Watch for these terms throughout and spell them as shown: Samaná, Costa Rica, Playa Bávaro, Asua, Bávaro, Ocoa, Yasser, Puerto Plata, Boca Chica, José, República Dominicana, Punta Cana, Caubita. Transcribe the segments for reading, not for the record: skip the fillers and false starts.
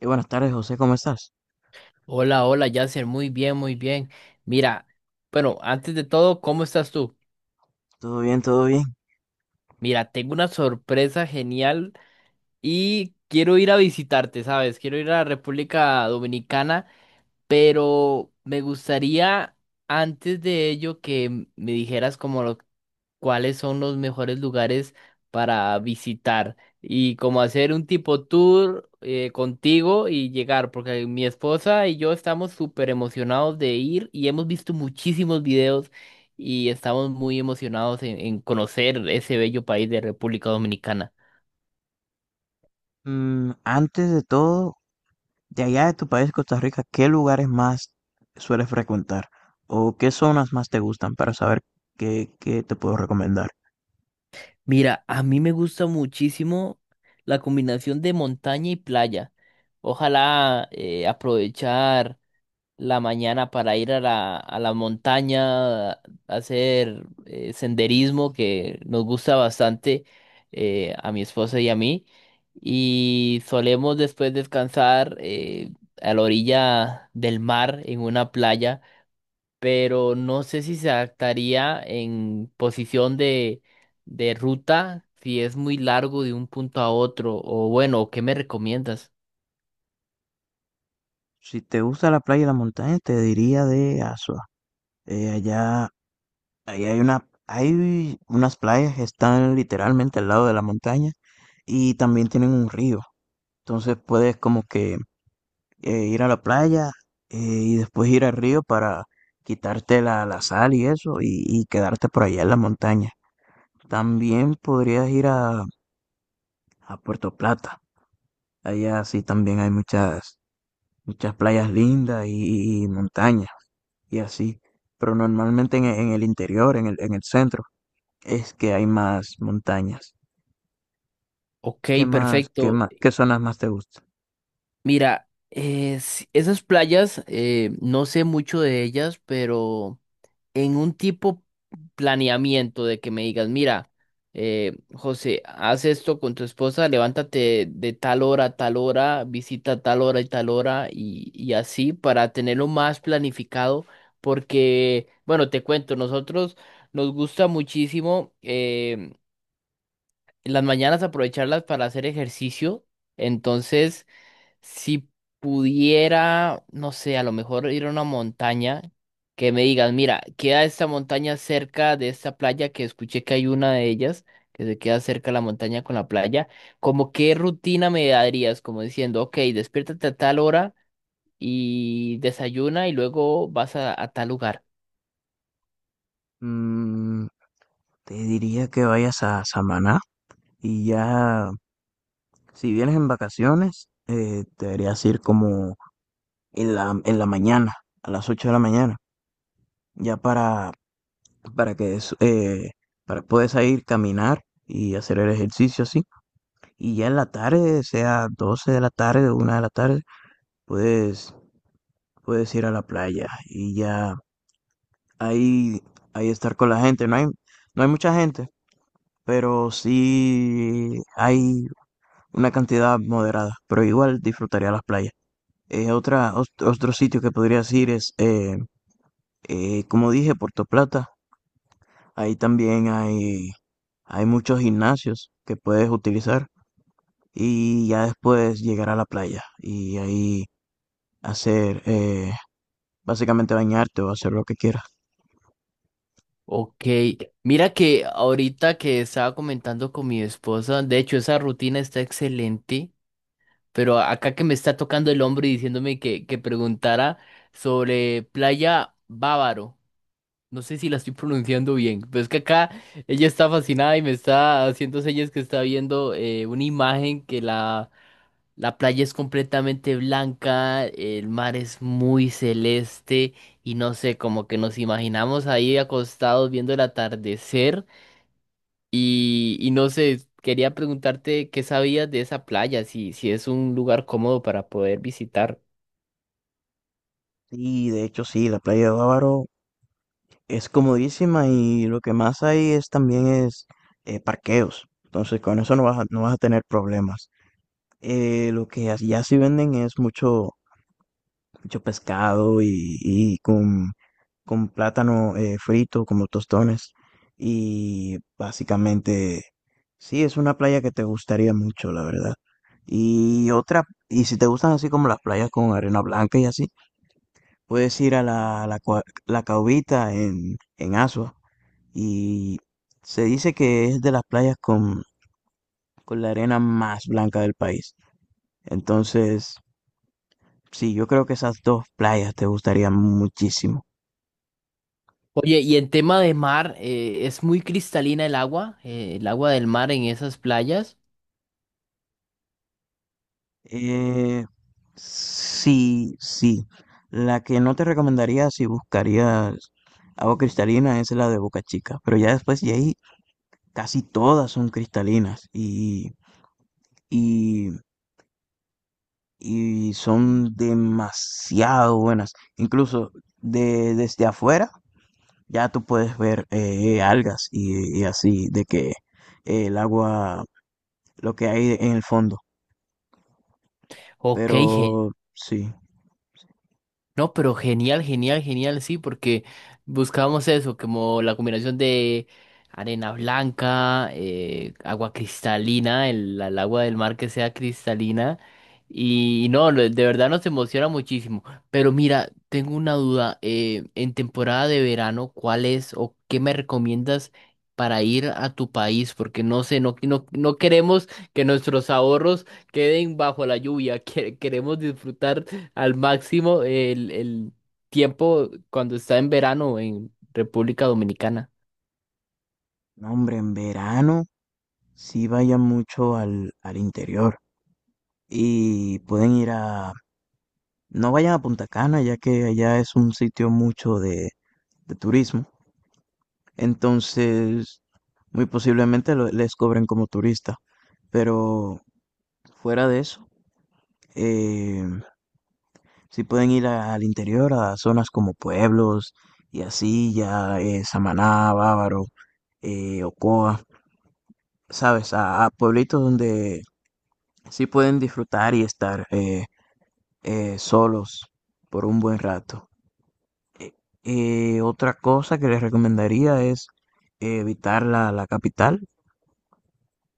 Y buenas tardes, José, ¿cómo estás? Hola, hola, Yasser, muy bien, muy bien. Mira, bueno, antes de todo, ¿cómo estás tú? Todo bien, todo bien. Mira, tengo una sorpresa genial y quiero ir a visitarte, ¿sabes? Quiero ir a la República Dominicana, pero me gustaría antes de ello que me dijeras cuáles son los mejores lugares para visitar y como hacer un tipo tour contigo y llegar, porque mi esposa y yo estamos súper emocionados de ir y hemos visto muchísimos videos y estamos muy emocionados en conocer ese bello país de República Dominicana. Antes de todo, de allá de tu país, Costa Rica, ¿qué lugares más sueles frecuentar? ¿O qué zonas más te gustan para saber qué te puedo recomendar? Mira, a mí me gusta muchísimo la combinación de montaña y playa. Ojalá aprovechar la mañana para ir a la montaña, a hacer senderismo que nos gusta bastante a mi esposa y a mí. Y solemos después descansar a la orilla del mar en una playa, pero no sé si se adaptaría en posición de ruta, si es muy largo de un punto a otro, o bueno, ¿qué me recomiendas? Si te gusta la playa y la montaña, te diría de Asua. Eh, allá, allá hay hay unas playas que están literalmente al lado de la montaña y también tienen un río. Entonces puedes como que ir a la playa y después ir al río para quitarte la sal y eso y quedarte por allá en la montaña. También podrías ir a Puerto Plata. Allá sí también hay muchas playas lindas y montañas y así. Pero normalmente en el interior, en el centro, es que hay más montañas. Ok, ¿Qué más, qué perfecto. más, qué zonas más te gustan? Mira, esas playas, no sé mucho de ellas, pero en un tipo planeamiento de que me digas, mira, José, haz esto con tu esposa, levántate de tal hora a tal hora, visita tal hora y tal hora y así para tenerlo más planificado, porque, bueno, te cuento, nosotros nos gusta muchísimo em, las mañanas aprovecharlas para hacer ejercicio, entonces... Si pudiera, no sé, a lo mejor ir a una montaña que me digan, mira, queda esta montaña cerca de esta playa, que escuché que hay una de ellas, que se queda cerca la montaña con la playa, como qué rutina me darías, como diciendo, ok, despiértate a tal hora y desayuna y luego vas a tal lugar. Mm, te diría que vayas a Samaná y ya. Si vienes en vacaciones, deberías ir como en en la mañana, a las 8 de la mañana, ya para que es- eh, para puedes ir caminar y hacer el ejercicio así. Y ya en la tarde, sea 12 de la tarde o 1 de la tarde, puedes, puedes ir a la playa y ya ahí, ahí estar con la gente. No hay mucha gente, pero sí hay una cantidad moderada, pero igual disfrutaría las playas. Otro sitio que podrías ir es, como dije, Puerto Plata. Ahí también hay muchos gimnasios que puedes utilizar y ya después llegar a la playa y ahí hacer, básicamente bañarte o hacer lo que quieras. Ok, mira que ahorita que estaba comentando con mi esposa, de hecho esa rutina está excelente. Pero acá que me está tocando el hombro y diciéndome que preguntara sobre Playa Bávaro. No sé si la estoy pronunciando bien, pero es que acá ella está fascinada y me está haciendo señas que está viendo una imagen que la playa es completamente blanca, el mar es muy celeste y no sé, como que nos imaginamos ahí acostados viendo el atardecer. Y no sé, quería preguntarte qué sabías de esa playa, si es un lugar cómodo para poder visitar. Y de hecho sí, la playa de Bávaro es comodísima y lo que más hay es también es parqueos. Entonces con eso no vas no vas a tener problemas. Lo que as- ya sí venden es mucho pescado con plátano frito, como tostones. Y básicamente, sí, es una playa que te gustaría mucho, la verdad. Y otra, y si te gustan así como las playas con arena blanca y así, puedes ir a la Caubita en Asua. Y se dice que es de las playas con la arena más blanca del país. Entonces, sí, yo creo que esas dos playas te gustarían muchísimo. Oye, y en tema de mar, ¿es muy cristalina el agua del mar en esas playas? Eh, sí, sí. La que no te recomendaría si buscarías agua cristalina es la de Boca Chica, pero ya después de ahí casi todas son cristalinas y, y son demasiado buenas. Incluso desde afuera ya tú puedes ver algas y así de que eh, el agua, lo que hay en el fondo. Ok. Pero sí, No, pero genial, genial, genial, sí, porque buscábamos eso, como la combinación de arena blanca, agua cristalina, el agua del mar que sea cristalina, y, no, lo- de verdad nos emociona muchísimo. Pero mira, tengo una duda, en temporada de verano, ¿cuál es o qué me recomiendas para ir a tu país? Porque no sé, no, no, no queremos que nuestros ahorros queden bajo la lluvia, queremos disfrutar al máximo el tiempo cuando está en verano en República Dominicana. no, hombre, en verano sí vayan mucho al interior y pueden ir a... No vayan a Punta Cana, ya que allá es un sitio mucho de turismo. Entonces, muy posiblemente lo- les cobren como turista. Pero fuera de eso, eh, sí pueden ir a- al interior, a zonas como pueblos y así, ya Samaná, Bávaro, Ocoa, ¿sabes? A pueblitos donde sí pueden disfrutar y estar. Solos por un buen rato. Eh, Otra cosa que les recomendaría es evitar la capital,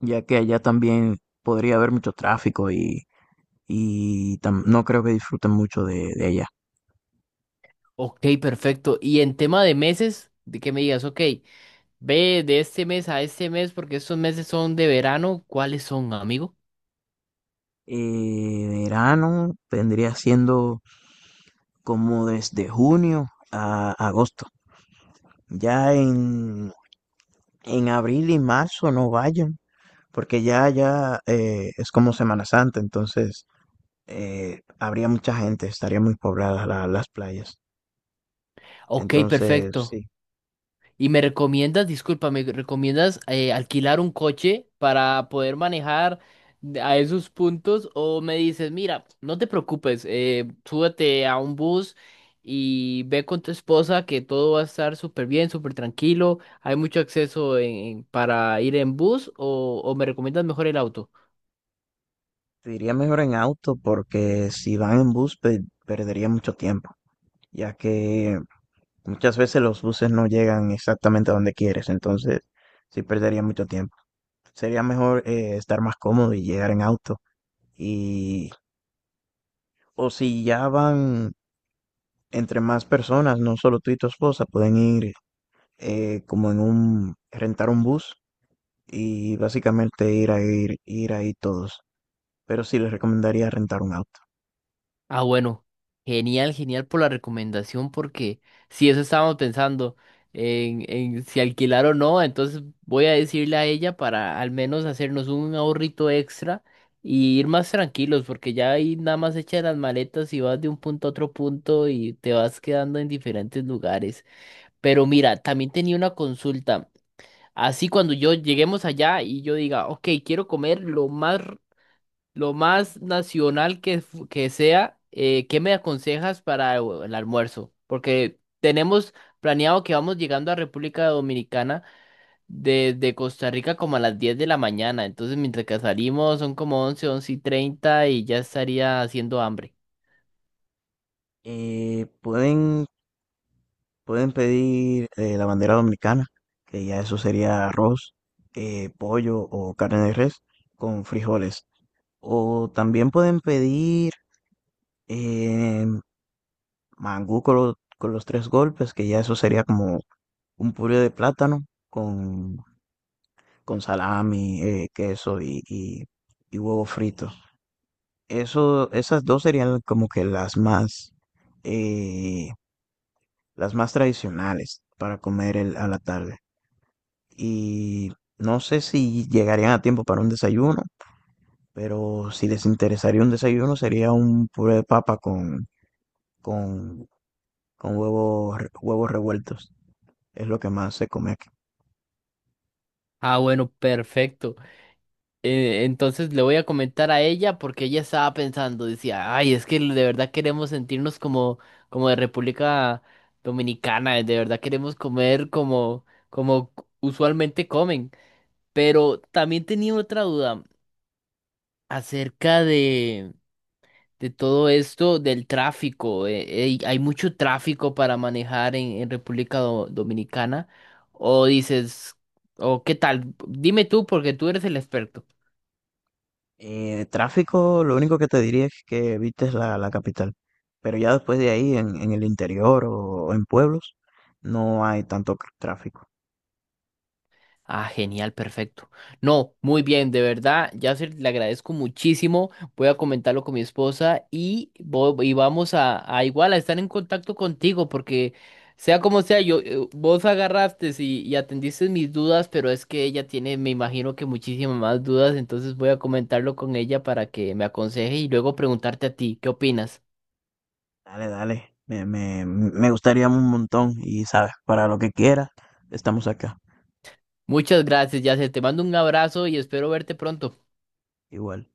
ya que allá también podría haber mucho tráfico y tam- no creo que disfruten mucho de allá. Ok, perfecto. Y en tema de meses, de que me digas, ok, ve de este mes a este mes porque estos meses son de verano, ¿cuáles son, amigo? Verano vendría siendo como desde junio a agosto. Ya en abril y marzo no vayan, porque ya es como Semana Santa, entonces habría mucha gente, estaría muy poblada la- las playas. Ok, Entonces, perfecto. sí, Y me recomiendas, disculpa, me recomiendas alquilar un coche para poder manejar a esos puntos o me dices, mira, no te preocupes, súbete a un bus y ve con tu esposa que todo va a estar súper bien, súper tranquilo, hay mucho acceso para ir en bus o me recomiendas mejor el auto. te iría mejor en auto porque si van en bus perdería mucho tiempo, ya que muchas veces los buses no llegan exactamente a donde quieres, entonces sí perdería mucho tiempo. Sería mejor estar más cómodo y llegar en auto. Y, o si ya van entre más personas, no solo tú y tu esposa, pueden ir como en rentar un bus y básicamente ir a ir ahí todos. Pero sí les recomendaría rentar un auto. Ah, bueno, genial, genial por la recomendación, porque si eso estábamos pensando en si alquilar o no, entonces voy a decirle a ella para al menos hacernos un ahorrito extra y ir más tranquilos, porque ya ahí nada más echa las maletas y vas de un punto a otro punto y te vas quedando en diferentes lugares. Pero mira, también tenía una consulta. Así cuando yo lleguemos allá y yo diga, ok, quiero comer lo más nacional que sea, ¿qué me aconsejas para el almuerzo? Porque tenemos planeado que vamos llegando a República Dominicana desde Costa Rica como a las 10 de la mañana. Entonces, mientras que salimos son como once y 30 y ya estaría haciendo hambre. Eh, pueden, pueden pedir la bandera dominicana, que ya eso sería arroz, pollo o carne de res con frijoles. O también pueden pedir eh, mangú con, lo- con los tres golpes, que ya eso sería como un puré de plátano con salami, queso y huevo frito. Esas dos serían como que eh, las más tradicionales para comer el- a la tarde. Y no sé si llegarían a tiempo para un desayuno, pero si les interesaría un desayuno sería un puré de papa con, con huevos, re- huevos revueltos. Es lo que más se come aquí. Ah, bueno, perfecto. Entonces le voy a comentar a ella porque ella estaba pensando, decía, ay, es que de verdad queremos sentirnos como, como de República Dominicana, de verdad queremos comer como usualmente comen. Pero también tenía otra duda acerca de todo esto del tráfico. Ey, ¿hay mucho tráfico para manejar en República Dominicana? O dices, o qué tal, dime tú porque tú eres el experto. Tráfico, lo único que te diría es que evites la capital. Pero ya después de ahí, en el interior o en pueblos, no hay tanto tráfico. Ah, genial, perfecto. No, muy bien, de verdad, Yasser, le agradezco muchísimo. Voy a comentarlo con mi esposa y, y vamos a igual a estar en contacto contigo, porque sea como sea, yo vos agarraste y atendiste mis dudas, pero es que ella tiene, me imagino que muchísimas más dudas, entonces voy a comentarlo con ella para que me aconseje y luego preguntarte a ti, ¿qué opinas? Dale, dale. Me gustaría un montón y sabes, para lo que quieras, estamos acá. Muchas gracias, Yasser. Te mando un abrazo y espero verte pronto. Igual.